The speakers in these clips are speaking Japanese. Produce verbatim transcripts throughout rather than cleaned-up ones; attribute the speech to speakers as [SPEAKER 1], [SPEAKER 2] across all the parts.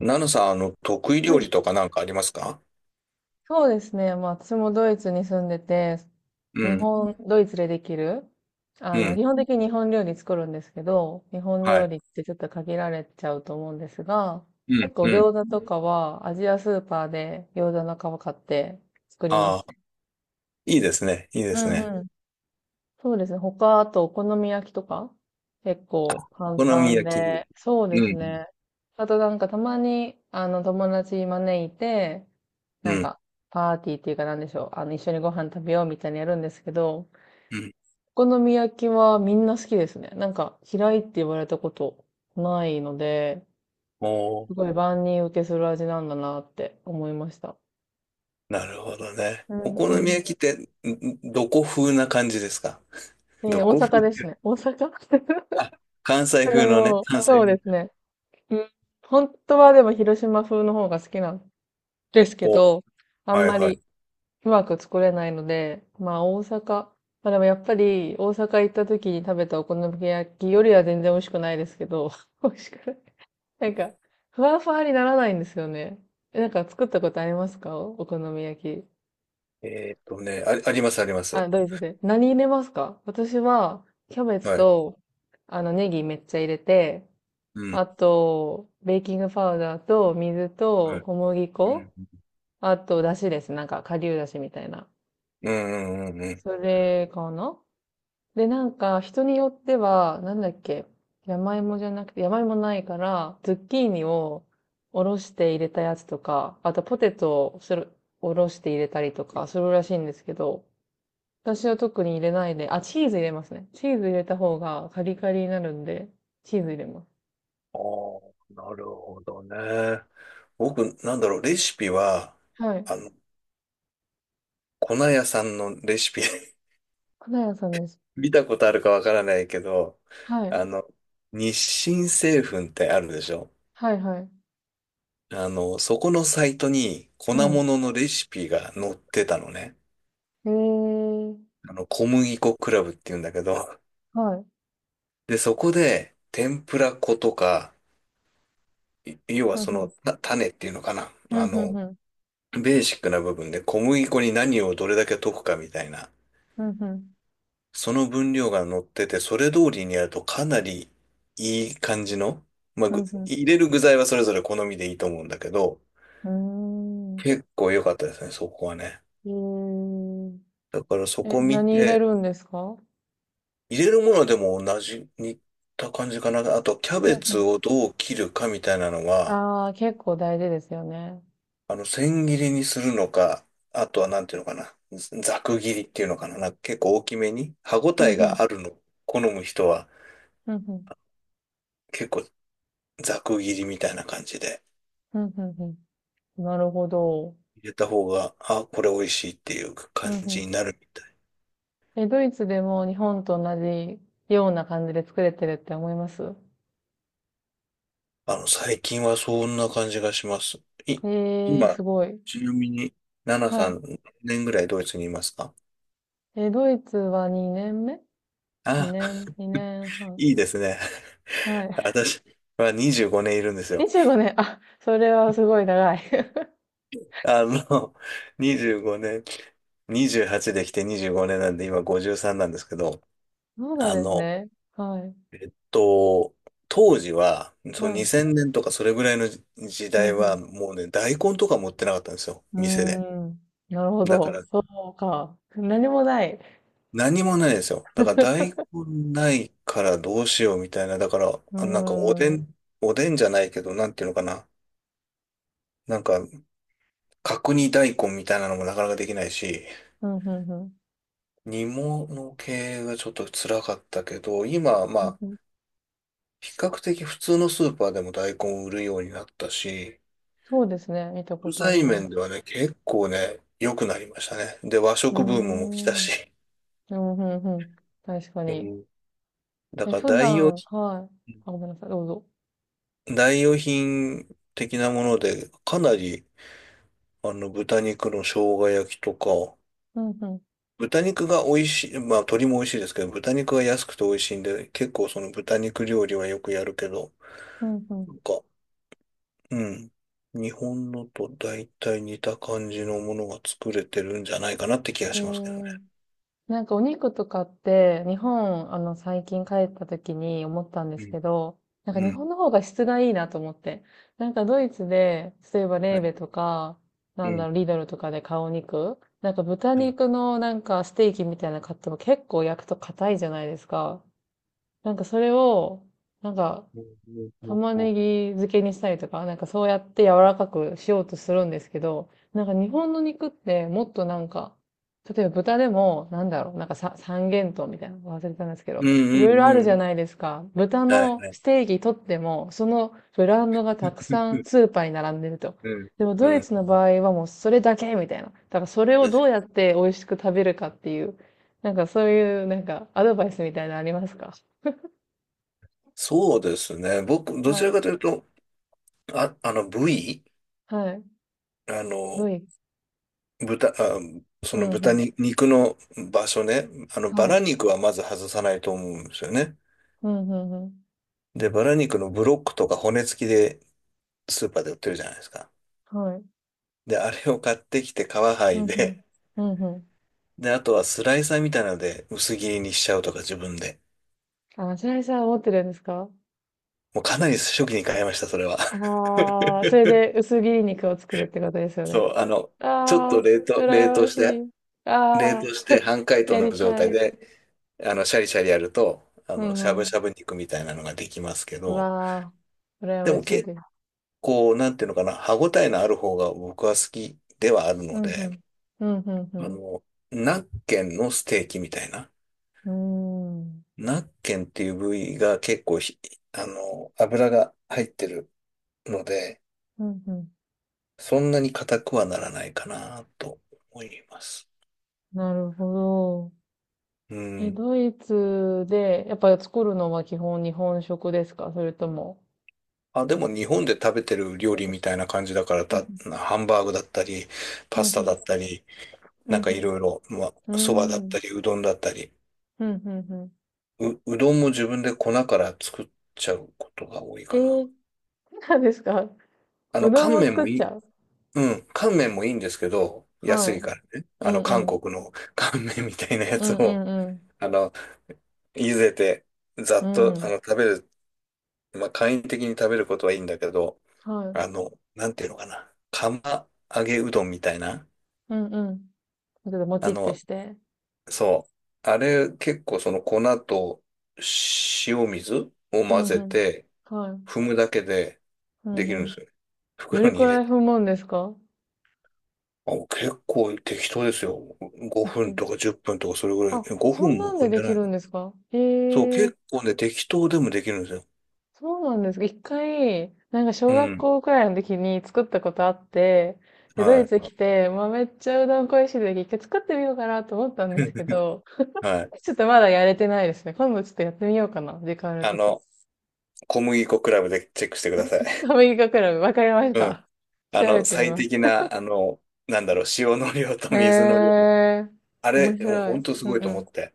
[SPEAKER 1] ナノさん、あの、得意
[SPEAKER 2] は
[SPEAKER 1] 料
[SPEAKER 2] い、
[SPEAKER 1] 理とかなんかありますか？
[SPEAKER 2] そうですね。まあ、私もドイツに住んでて、
[SPEAKER 1] う
[SPEAKER 2] 日
[SPEAKER 1] ん、
[SPEAKER 2] 本、ドイツでできる、あ
[SPEAKER 1] う
[SPEAKER 2] の、
[SPEAKER 1] ん、
[SPEAKER 2] 基本的に日本料理作るんですけど、日本
[SPEAKER 1] は
[SPEAKER 2] 料
[SPEAKER 1] い。
[SPEAKER 2] 理ってちょっと限られちゃうと思うんですが、
[SPEAKER 1] うん、
[SPEAKER 2] 結構
[SPEAKER 1] うん。
[SPEAKER 2] 餃子とかはアジアスーパーで餃子の皮買って作りま
[SPEAKER 1] あ
[SPEAKER 2] す
[SPEAKER 1] あ、
[SPEAKER 2] ね。
[SPEAKER 1] いいですね、いいで
[SPEAKER 2] う
[SPEAKER 1] すね。
[SPEAKER 2] ん、そうですね。他、あと、お好み焼きとか、結構
[SPEAKER 1] お
[SPEAKER 2] 簡
[SPEAKER 1] 好み
[SPEAKER 2] 単
[SPEAKER 1] 焼
[SPEAKER 2] で、
[SPEAKER 1] き。
[SPEAKER 2] そうで
[SPEAKER 1] う
[SPEAKER 2] す
[SPEAKER 1] ん、
[SPEAKER 2] ね。あとなんかたまに、あの、友達招いて、な
[SPEAKER 1] う
[SPEAKER 2] ん
[SPEAKER 1] ん、
[SPEAKER 2] か、パーティーっていうかなんでしょう。あの、一緒にご飯食べようみたいにやるんですけど、
[SPEAKER 1] うん。
[SPEAKER 2] お好み焼きはみんな好きですね。なんか、嫌いって言われたことないので、
[SPEAKER 1] お
[SPEAKER 2] す
[SPEAKER 1] ー、
[SPEAKER 2] ごい万人受けする味なんだなって思いました。
[SPEAKER 1] なるほどね。
[SPEAKER 2] う
[SPEAKER 1] お
[SPEAKER 2] ん
[SPEAKER 1] 好
[SPEAKER 2] う
[SPEAKER 1] み
[SPEAKER 2] ん。
[SPEAKER 1] 焼きって、んどこ風な感じですか？ど
[SPEAKER 2] で、大
[SPEAKER 1] こ風
[SPEAKER 2] 阪
[SPEAKER 1] っ
[SPEAKER 2] で
[SPEAKER 1] てい
[SPEAKER 2] す
[SPEAKER 1] う。
[SPEAKER 2] ね。大阪。
[SPEAKER 1] あ、関西
[SPEAKER 2] で
[SPEAKER 1] 風のね、
[SPEAKER 2] も、
[SPEAKER 1] 関西
[SPEAKER 2] そうです
[SPEAKER 1] 風。
[SPEAKER 2] ね。うん、本当はでも広島風の方が好きなんですけ
[SPEAKER 1] お、
[SPEAKER 2] ど、あん
[SPEAKER 1] はい、
[SPEAKER 2] ま
[SPEAKER 1] はい。
[SPEAKER 2] りうまく作れないので、まあ大阪、まあでもやっぱり大阪行った時に食べたお好み焼きよりは全然美味しくないですけど、美味しくない。なんか、ふわふわにならないんですよね。え、なんか作ったことありますか、お好み焼き。
[SPEAKER 1] えーっとね、あ、あります、ありま
[SPEAKER 2] あ、
[SPEAKER 1] す。
[SPEAKER 2] ドイツで。何入れますか？私は、キャベツ
[SPEAKER 1] はい。
[SPEAKER 2] と、あの、ネギめっちゃ入れて、
[SPEAKER 1] うん、
[SPEAKER 2] あと、ベーキングパウダーと水
[SPEAKER 1] は
[SPEAKER 2] と
[SPEAKER 1] い。
[SPEAKER 2] 小麦
[SPEAKER 1] うん、
[SPEAKER 2] 粉、あと、だしです。なんか、顆粒だしみたいな。
[SPEAKER 1] うん、うん、うん。うん。
[SPEAKER 2] それかな。で、なんか、人によっては、なんだっけ、山芋じゃなくて、山芋ないから、ズッキーニをおろして入れたやつとか、あとポテトをする、おろして入れたりとかするらしいんですけど、私は特に入れないで、あ、チーズ入れますね。チーズ入れた方がカリカリになるんで、チーズ入れます。
[SPEAKER 1] ああ、なるほどね。僕、なんだろう、レシピは、
[SPEAKER 2] はい。
[SPEAKER 1] あの、粉屋さんのレシピ
[SPEAKER 2] 花屋さんです。
[SPEAKER 1] 見たことあるかわからないけど、
[SPEAKER 2] はい。
[SPEAKER 1] あの、日清製粉ってあるでしょ？
[SPEAKER 2] はいはい。
[SPEAKER 1] あの、そこのサイトに粉
[SPEAKER 2] うん。
[SPEAKER 1] 物のレシピが載ってたのね。
[SPEAKER 2] へえ。
[SPEAKER 1] あの、小麦粉クラブって言うんだけど、
[SPEAKER 2] はい。
[SPEAKER 1] で、そこで、天ぷら粉とか、い要は
[SPEAKER 2] ふん
[SPEAKER 1] そ
[SPEAKER 2] ふ
[SPEAKER 1] の、
[SPEAKER 2] ん。
[SPEAKER 1] た種っていうのかな。
[SPEAKER 2] う
[SPEAKER 1] あ
[SPEAKER 2] んふん
[SPEAKER 1] の、
[SPEAKER 2] ふん。
[SPEAKER 1] ベーシックな部分で小麦粉に何をどれだけ溶くかみたいな。
[SPEAKER 2] うん、うん、
[SPEAKER 1] その分量が乗ってて、それ通りにやるとかなりいい感じの、まあ、
[SPEAKER 2] う
[SPEAKER 1] ぐ
[SPEAKER 2] ん
[SPEAKER 1] 入れる具材はそれぞれ好みでいいと思うんだけど、
[SPEAKER 2] うん、う
[SPEAKER 1] 結構良かったですね、そこはね。
[SPEAKER 2] ーん。
[SPEAKER 1] だからそ
[SPEAKER 2] えー、え、
[SPEAKER 1] こ見
[SPEAKER 2] 何入れ
[SPEAKER 1] て、
[SPEAKER 2] るんですか？
[SPEAKER 1] 入れるものでも同じ、似た感じかな。あと、キャ
[SPEAKER 2] うん、
[SPEAKER 1] ベ
[SPEAKER 2] う
[SPEAKER 1] ツ
[SPEAKER 2] ん。
[SPEAKER 1] をどう切るかみたいなのは、
[SPEAKER 2] ああ、結構大事ですよね。
[SPEAKER 1] あの、千切りにするのか、あとはなんていうのかな、ざく切りっていうのかな、なんか結構大きめに、歯ご
[SPEAKER 2] う
[SPEAKER 1] たえ
[SPEAKER 2] ん、うん、
[SPEAKER 1] があるの、好む人は
[SPEAKER 2] うん、うん、
[SPEAKER 1] 結構ざく切りみたいな感じで。
[SPEAKER 2] うん、うんうん。なるほど。
[SPEAKER 1] 入れた方が、あ、これ美味しいっていう
[SPEAKER 2] う
[SPEAKER 1] 感
[SPEAKER 2] ん、うん。
[SPEAKER 1] じになるみたい。
[SPEAKER 2] え、ドイツでも日本と同じような感じで作れてるって思います？
[SPEAKER 1] あの、最近はそんな感じがします。い、
[SPEAKER 2] ええー、す
[SPEAKER 1] 今、
[SPEAKER 2] ごい。
[SPEAKER 1] ちなみに、ナナ
[SPEAKER 2] は
[SPEAKER 1] さ
[SPEAKER 2] い。
[SPEAKER 1] ん、何年ぐらいドイツにいますか？
[SPEAKER 2] え、ドイツはにねんめ？ に
[SPEAKER 1] あ、
[SPEAKER 2] 年、2年 半。
[SPEAKER 1] いいですね。
[SPEAKER 2] はい。
[SPEAKER 1] 私はにじゅうごねんいるんです よ。
[SPEAKER 2] にじゅうごねん。あ、それはすごい長い。
[SPEAKER 1] あの、にじゅうごねん、にじゅうはちできてにじゅうごねんなんで、今ごじゅうさんなんですけど、
[SPEAKER 2] そうなん
[SPEAKER 1] あ
[SPEAKER 2] です
[SPEAKER 1] の、
[SPEAKER 2] ね。はい。
[SPEAKER 1] えっと、当時は、そう
[SPEAKER 2] はい。
[SPEAKER 1] にせんねんとかそれぐらいの時
[SPEAKER 2] う
[SPEAKER 1] 代
[SPEAKER 2] んう
[SPEAKER 1] は、もうね、大根とか持ってなかったんですよ、
[SPEAKER 2] ん。
[SPEAKER 1] 店で。
[SPEAKER 2] うーん。なるほ
[SPEAKER 1] だか
[SPEAKER 2] ど。
[SPEAKER 1] ら
[SPEAKER 2] そうか。何もない。
[SPEAKER 1] 何もないですよ。だから大根 ないからどうしようみたいな。だから、
[SPEAKER 2] うー
[SPEAKER 1] あなんかおで
[SPEAKER 2] ん。うん
[SPEAKER 1] ん、おでんじゃないけど、なんていうのかな。なんか、角煮大根みたいなのもなかなかできないし、
[SPEAKER 2] うんうん。
[SPEAKER 1] 煮物系がちょっと辛かったけど、今はま
[SPEAKER 2] うん
[SPEAKER 1] あ、
[SPEAKER 2] うん。
[SPEAKER 1] 比較的普通のスーパーでも大根を売るようになったし、
[SPEAKER 2] そうですね。見たこ
[SPEAKER 1] 食
[SPEAKER 2] とあり
[SPEAKER 1] 材
[SPEAKER 2] ます。
[SPEAKER 1] 面ではね、結構ね、良くなりましたね。で、和
[SPEAKER 2] うー
[SPEAKER 1] 食ブームも来た
[SPEAKER 2] ん。うん、
[SPEAKER 1] し。
[SPEAKER 2] うんうん。確か
[SPEAKER 1] う
[SPEAKER 2] に。
[SPEAKER 1] ん。だ
[SPEAKER 2] え、
[SPEAKER 1] から
[SPEAKER 2] 普
[SPEAKER 1] 代用
[SPEAKER 2] 段、はい。
[SPEAKER 1] 品
[SPEAKER 2] あ、ごめんなさい。どうぞ。
[SPEAKER 1] 代用品的なもので、かなり、あの、豚肉の生姜焼きとか、
[SPEAKER 2] うん、ふん。
[SPEAKER 1] 豚肉が美味しい、まあ、鶏も美味しいですけど、豚肉が安くて美味しいんで、結構その豚肉料理はよくやるけど、
[SPEAKER 2] うん、ふん。
[SPEAKER 1] なんか、うん。日本のと大体似た感じのものが作れてるんじゃないかなって気が
[SPEAKER 2] え
[SPEAKER 1] しますけどね。
[SPEAKER 2] ー、なんかお肉とかって、日本、あの、最近帰った時に思ったんで
[SPEAKER 1] う
[SPEAKER 2] す
[SPEAKER 1] ん、
[SPEAKER 2] けど、なんか
[SPEAKER 1] う
[SPEAKER 2] 日
[SPEAKER 1] ん、
[SPEAKER 2] 本の方が質がいいなと思って。なんかドイツで、例えばレ
[SPEAKER 1] は
[SPEAKER 2] ー
[SPEAKER 1] い、
[SPEAKER 2] ベとか、
[SPEAKER 1] う
[SPEAKER 2] なんだ
[SPEAKER 1] ん、
[SPEAKER 2] ろう、リドルとかで買うお肉、なんか豚
[SPEAKER 1] はい。
[SPEAKER 2] 肉のなんかステーキみたいなの買っても結構焼くと硬いじゃないですか。なんかそれを、なんか
[SPEAKER 1] うん
[SPEAKER 2] 玉ねぎ漬けにしたりとか、なんかそうやって柔らかくしようとするんですけど、なんか日本の肉ってもっとなんか、例えば豚でも、なんだろう、なんかさ三元豚みたいなの忘れたんですけ
[SPEAKER 1] うん
[SPEAKER 2] ど、い
[SPEAKER 1] う
[SPEAKER 2] ろいろ
[SPEAKER 1] んうんう
[SPEAKER 2] あ
[SPEAKER 1] んう
[SPEAKER 2] る
[SPEAKER 1] んう
[SPEAKER 2] じゃ
[SPEAKER 1] ん。
[SPEAKER 2] ないですか。豚
[SPEAKER 1] はい
[SPEAKER 2] の
[SPEAKER 1] はい。
[SPEAKER 2] ステーキ取っても、そのブランドがたくさんス ーパーに並んでると。
[SPEAKER 1] うん
[SPEAKER 2] でもド
[SPEAKER 1] う
[SPEAKER 2] イ
[SPEAKER 1] ん。
[SPEAKER 2] ツの場合はもうそれだけみたいな。だからそれをどうやって美味しく食べるかっていう、なんかそういうなんかアドバイスみたいなのありますか？
[SPEAKER 1] そうですね。僕、どちらかと
[SPEAKER 2] は
[SPEAKER 1] いうと、あ、あの、部位、
[SPEAKER 2] い。はい。
[SPEAKER 1] あ
[SPEAKER 2] ド
[SPEAKER 1] の、
[SPEAKER 2] イツ、
[SPEAKER 1] 豚、あ、そ
[SPEAKER 2] う
[SPEAKER 1] の
[SPEAKER 2] んう
[SPEAKER 1] 豚
[SPEAKER 2] ん。
[SPEAKER 1] に肉の場所ね。あの、バ
[SPEAKER 2] は
[SPEAKER 1] ラ
[SPEAKER 2] い。
[SPEAKER 1] 肉はまず外さないと思うんですよね。
[SPEAKER 2] うんうんうん。
[SPEAKER 1] で、バラ肉のブロックとか骨付きでスーパーで売ってるじゃないですか。
[SPEAKER 2] はい。
[SPEAKER 1] で、あれを買ってきて皮剥
[SPEAKER 2] う
[SPEAKER 1] い
[SPEAKER 2] んうん。
[SPEAKER 1] で、
[SPEAKER 2] うんうん。
[SPEAKER 1] で、あとはスライサーみたいなので薄切りにしちゃうとか自分で。
[SPEAKER 2] あ、白石さん持ってるんですか？
[SPEAKER 1] もうかなり初期に買いました、それは。
[SPEAKER 2] ああー、それ で薄切り肉を作るってことですよね。
[SPEAKER 1] そう、あの、ちょっ
[SPEAKER 2] ああ、
[SPEAKER 1] と冷凍、冷
[SPEAKER 2] 羨
[SPEAKER 1] 凍
[SPEAKER 2] まし
[SPEAKER 1] して、
[SPEAKER 2] い。
[SPEAKER 1] 冷
[SPEAKER 2] ああ、
[SPEAKER 1] 凍して半解凍
[SPEAKER 2] や
[SPEAKER 1] の
[SPEAKER 2] り
[SPEAKER 1] 状
[SPEAKER 2] た
[SPEAKER 1] 態
[SPEAKER 2] い。
[SPEAKER 1] で、あの、シャリシャリやると、あ
[SPEAKER 2] う
[SPEAKER 1] の、
[SPEAKER 2] ん
[SPEAKER 1] しゃ
[SPEAKER 2] う
[SPEAKER 1] ぶし
[SPEAKER 2] ん。
[SPEAKER 1] ゃぶ肉みたいなのができますけ
[SPEAKER 2] う
[SPEAKER 1] ど、
[SPEAKER 2] わあ、羨
[SPEAKER 1] で
[SPEAKER 2] ま
[SPEAKER 1] も
[SPEAKER 2] しい
[SPEAKER 1] 結
[SPEAKER 2] です。
[SPEAKER 1] 構、なんていうのかな、歯ごたえのある方が僕は好きではある
[SPEAKER 2] う
[SPEAKER 1] の
[SPEAKER 2] んう
[SPEAKER 1] で、
[SPEAKER 2] ん。うんう
[SPEAKER 1] あ
[SPEAKER 2] ん
[SPEAKER 1] の、ナッケンのステーキみたいな、
[SPEAKER 2] うん。うーん。
[SPEAKER 1] ナッケンっていう部位が結構ひ、あの、油が入ってるので、
[SPEAKER 2] うんうん。
[SPEAKER 1] そんなに硬くはならないかなと思います。
[SPEAKER 2] なるほど。
[SPEAKER 1] う
[SPEAKER 2] え、
[SPEAKER 1] ん。
[SPEAKER 2] ドイツで、やっぱり作るのは基本日本食ですか？それとも、
[SPEAKER 1] あ、でも日本で食べてる料
[SPEAKER 2] なん
[SPEAKER 1] 理
[SPEAKER 2] か
[SPEAKER 1] み
[SPEAKER 2] そ
[SPEAKER 1] たいな感じだから、
[SPEAKER 2] う、ん
[SPEAKER 1] た、ハンバーグだったり、
[SPEAKER 2] う
[SPEAKER 1] パ
[SPEAKER 2] ん。う
[SPEAKER 1] ス
[SPEAKER 2] ん
[SPEAKER 1] タ
[SPEAKER 2] う
[SPEAKER 1] だ
[SPEAKER 2] ん。
[SPEAKER 1] ったり、
[SPEAKER 2] うん
[SPEAKER 1] な
[SPEAKER 2] う
[SPEAKER 1] んかい
[SPEAKER 2] ん、う
[SPEAKER 1] ろいろ、まあ、そばだっ
[SPEAKER 2] ーん。
[SPEAKER 1] たり、うどんだったり。
[SPEAKER 2] ふんふんふん。
[SPEAKER 1] う、うどんも自分で粉から作っちゃうことが多い
[SPEAKER 2] え
[SPEAKER 1] か
[SPEAKER 2] ー、
[SPEAKER 1] な。
[SPEAKER 2] そうなんですか？ う
[SPEAKER 1] あの、
[SPEAKER 2] ど
[SPEAKER 1] 乾
[SPEAKER 2] んも
[SPEAKER 1] 麺
[SPEAKER 2] 作
[SPEAKER 1] も
[SPEAKER 2] っ
[SPEAKER 1] い
[SPEAKER 2] ち
[SPEAKER 1] い、
[SPEAKER 2] ゃう？
[SPEAKER 1] うん、乾麺もいいんですけど、安
[SPEAKER 2] は
[SPEAKER 1] い
[SPEAKER 2] い。
[SPEAKER 1] からね。
[SPEAKER 2] う
[SPEAKER 1] あ
[SPEAKER 2] ん
[SPEAKER 1] の、
[SPEAKER 2] う
[SPEAKER 1] 韓
[SPEAKER 2] ん。
[SPEAKER 1] 国の 乾麺みたいなや
[SPEAKER 2] う
[SPEAKER 1] つ
[SPEAKER 2] ん
[SPEAKER 1] を、
[SPEAKER 2] うん
[SPEAKER 1] あの、茹でて、ざ
[SPEAKER 2] う
[SPEAKER 1] っ
[SPEAKER 2] ん。
[SPEAKER 1] と、
[SPEAKER 2] う
[SPEAKER 1] あ
[SPEAKER 2] ん。
[SPEAKER 1] の、食べる、まあ、簡易的に食べることはいいんだけど、
[SPEAKER 2] はい。
[SPEAKER 1] あの、なんていうのかな。釜揚げうどんみたいな。
[SPEAKER 2] うんうん。ちょっとも
[SPEAKER 1] あ
[SPEAKER 2] ちって
[SPEAKER 1] の、
[SPEAKER 2] して。
[SPEAKER 1] そう。あれ、結構その粉と塩水を
[SPEAKER 2] うん
[SPEAKER 1] 混
[SPEAKER 2] う
[SPEAKER 1] ぜ
[SPEAKER 2] ん。
[SPEAKER 1] て、
[SPEAKER 2] はい。
[SPEAKER 1] 踏むだけで
[SPEAKER 2] う
[SPEAKER 1] で
[SPEAKER 2] ん
[SPEAKER 1] き
[SPEAKER 2] う
[SPEAKER 1] るんで
[SPEAKER 2] ん。
[SPEAKER 1] すよね。
[SPEAKER 2] ど
[SPEAKER 1] 袋
[SPEAKER 2] れ
[SPEAKER 1] に
[SPEAKER 2] く
[SPEAKER 1] 入れ
[SPEAKER 2] らい
[SPEAKER 1] て。
[SPEAKER 2] 踏むんですか？
[SPEAKER 1] あ、結構適当ですよ。
[SPEAKER 2] 適
[SPEAKER 1] ごふん
[SPEAKER 2] 当。
[SPEAKER 1] とかじゅっぷんとかそれぐらい。
[SPEAKER 2] あ、
[SPEAKER 1] え5
[SPEAKER 2] そん
[SPEAKER 1] 分
[SPEAKER 2] な
[SPEAKER 1] も
[SPEAKER 2] んで
[SPEAKER 1] 踏ん
[SPEAKER 2] で
[SPEAKER 1] で
[SPEAKER 2] き
[SPEAKER 1] ない
[SPEAKER 2] る
[SPEAKER 1] か
[SPEAKER 2] ん
[SPEAKER 1] ら。
[SPEAKER 2] ですか？
[SPEAKER 1] そう、
[SPEAKER 2] へえ、
[SPEAKER 1] 結構ね、適当でもできるんですよ。
[SPEAKER 2] そうなんですか。一回、なんか小
[SPEAKER 1] う
[SPEAKER 2] 学
[SPEAKER 1] ん。
[SPEAKER 2] 校くらいの時に作ったことあって、で、ド
[SPEAKER 1] は
[SPEAKER 2] イ
[SPEAKER 1] い。
[SPEAKER 2] ツ来て、まあ、めっちゃうどん恋しい時、一回作ってみようかなと思ったんですけ ど、
[SPEAKER 1] はい。
[SPEAKER 2] ちょっとまだやれてないですね。今度ちょっとやってみようかな。時間ある
[SPEAKER 1] あ
[SPEAKER 2] とき。
[SPEAKER 1] の、小麦粉クラブでチェックしてください。
[SPEAKER 2] アメリカクラブ、わかりまし
[SPEAKER 1] うん。
[SPEAKER 2] た。
[SPEAKER 1] あ
[SPEAKER 2] 調べ
[SPEAKER 1] の、
[SPEAKER 2] てみ
[SPEAKER 1] 最
[SPEAKER 2] ます。
[SPEAKER 1] 適な、あの、なんだろう、塩の量と
[SPEAKER 2] へ
[SPEAKER 1] 水の量。
[SPEAKER 2] えー、
[SPEAKER 1] あ
[SPEAKER 2] 面
[SPEAKER 1] れ、もう
[SPEAKER 2] 白い。
[SPEAKER 1] 本当す
[SPEAKER 2] うん
[SPEAKER 1] ごい
[SPEAKER 2] う
[SPEAKER 1] と思
[SPEAKER 2] ん。
[SPEAKER 1] って。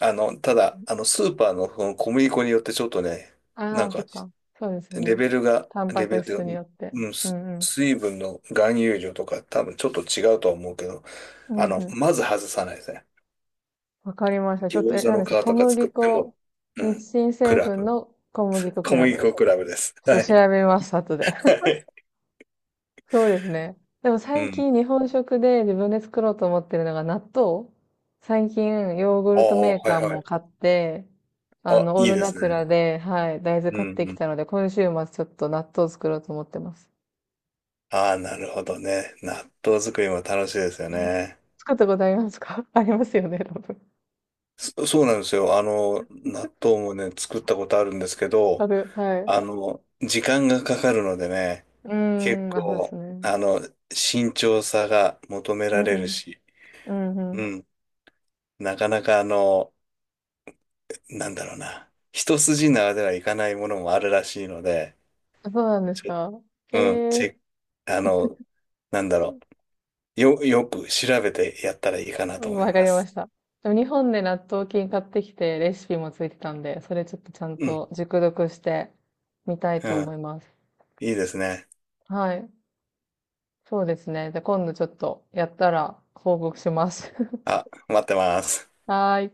[SPEAKER 1] あの、ただ、あの、スーパーのその小麦粉によってちょっとね、な
[SPEAKER 2] あ
[SPEAKER 1] ん
[SPEAKER 2] あ、そ
[SPEAKER 1] か
[SPEAKER 2] っか。そうですよ
[SPEAKER 1] レ
[SPEAKER 2] ね。
[SPEAKER 1] ベルが、
[SPEAKER 2] タンパ
[SPEAKER 1] レベ
[SPEAKER 2] ク
[SPEAKER 1] ルとい
[SPEAKER 2] 質に
[SPEAKER 1] う
[SPEAKER 2] よ
[SPEAKER 1] か、
[SPEAKER 2] って。
[SPEAKER 1] うん、
[SPEAKER 2] う
[SPEAKER 1] す
[SPEAKER 2] んうん。
[SPEAKER 1] 水分の含有量とか多分ちょっと違うとは思うけど、
[SPEAKER 2] うん
[SPEAKER 1] あの、
[SPEAKER 2] うん。
[SPEAKER 1] まず外さないですね。
[SPEAKER 2] わかりました。ちょっと、
[SPEAKER 1] 餃
[SPEAKER 2] え、
[SPEAKER 1] 子
[SPEAKER 2] 何
[SPEAKER 1] の
[SPEAKER 2] で
[SPEAKER 1] 皮
[SPEAKER 2] した小
[SPEAKER 1] とか作
[SPEAKER 2] 麦
[SPEAKER 1] っても、
[SPEAKER 2] 粉、
[SPEAKER 1] うん、
[SPEAKER 2] 日清
[SPEAKER 1] ク
[SPEAKER 2] 製
[SPEAKER 1] ラ
[SPEAKER 2] 粉
[SPEAKER 1] ブ。
[SPEAKER 2] の小麦粉ク
[SPEAKER 1] 小
[SPEAKER 2] ラ
[SPEAKER 1] 麦
[SPEAKER 2] ブ。ち
[SPEAKER 1] 粉クラブです。
[SPEAKER 2] ょ
[SPEAKER 1] は
[SPEAKER 2] っと調
[SPEAKER 1] い。
[SPEAKER 2] べます、後で。
[SPEAKER 1] はい。
[SPEAKER 2] そうですね。でも
[SPEAKER 1] う
[SPEAKER 2] 最
[SPEAKER 1] ん。
[SPEAKER 2] 近日本食で自分で作ろうと思ってるのが納豆。最近ヨーグ
[SPEAKER 1] あ
[SPEAKER 2] ルト
[SPEAKER 1] あ、
[SPEAKER 2] メー
[SPEAKER 1] はい
[SPEAKER 2] カー
[SPEAKER 1] は
[SPEAKER 2] も
[SPEAKER 1] い。
[SPEAKER 2] 買って、あ
[SPEAKER 1] あ、
[SPEAKER 2] の、オー
[SPEAKER 1] いい
[SPEAKER 2] ル
[SPEAKER 1] で
[SPEAKER 2] ナ
[SPEAKER 1] す
[SPEAKER 2] チュ
[SPEAKER 1] ね。
[SPEAKER 2] ラで、はい、大豆
[SPEAKER 1] う
[SPEAKER 2] 買っ
[SPEAKER 1] ん
[SPEAKER 2] て
[SPEAKER 1] う
[SPEAKER 2] き
[SPEAKER 1] ん。
[SPEAKER 2] たので、今週末ちょっと納豆作ろうと思ってます。
[SPEAKER 1] ああ、なるほどね。納豆作りも楽しいですよ
[SPEAKER 2] うん、
[SPEAKER 1] ね。
[SPEAKER 2] 作ったことありますか？ ありますよね、多分。
[SPEAKER 1] そ、そうなんですよ。あの、納豆もね、作ったことあるんですけ
[SPEAKER 2] あ
[SPEAKER 1] ど、
[SPEAKER 2] る、はい。う
[SPEAKER 1] あの、時間がかかるのでね、
[SPEAKER 2] ー
[SPEAKER 1] 結
[SPEAKER 2] ん、あ、そうです
[SPEAKER 1] 構、
[SPEAKER 2] ね。
[SPEAKER 1] あの、慎重さが求め
[SPEAKER 2] う
[SPEAKER 1] ら
[SPEAKER 2] ん
[SPEAKER 1] れ
[SPEAKER 2] う
[SPEAKER 1] る
[SPEAKER 2] ん。
[SPEAKER 1] し、
[SPEAKER 2] うんう
[SPEAKER 1] う
[SPEAKER 2] ん。
[SPEAKER 1] ん。なかなかあの、なんだろうな。一筋縄ではいかないものもあるらしいので、
[SPEAKER 2] あ、そうなんです
[SPEAKER 1] ちょ
[SPEAKER 2] か？え
[SPEAKER 1] うん、チェ
[SPEAKER 2] え
[SPEAKER 1] ック、あの、なんだろ
[SPEAKER 2] ー、
[SPEAKER 1] う。よ、よく調べてやったらいいかなと思い
[SPEAKER 2] わか
[SPEAKER 1] ま
[SPEAKER 2] りま
[SPEAKER 1] す。
[SPEAKER 2] した。でも日本で納豆菌買ってきてレシピもついてたんで、それちょっとちゃん
[SPEAKER 1] うん、
[SPEAKER 2] と熟読してみたい
[SPEAKER 1] う
[SPEAKER 2] と
[SPEAKER 1] ん、
[SPEAKER 2] 思います。
[SPEAKER 1] いいですね。
[SPEAKER 2] はい。そうですね。じゃあ今度ちょっとやったら報告します。
[SPEAKER 1] あ、待ってます。
[SPEAKER 2] はーい。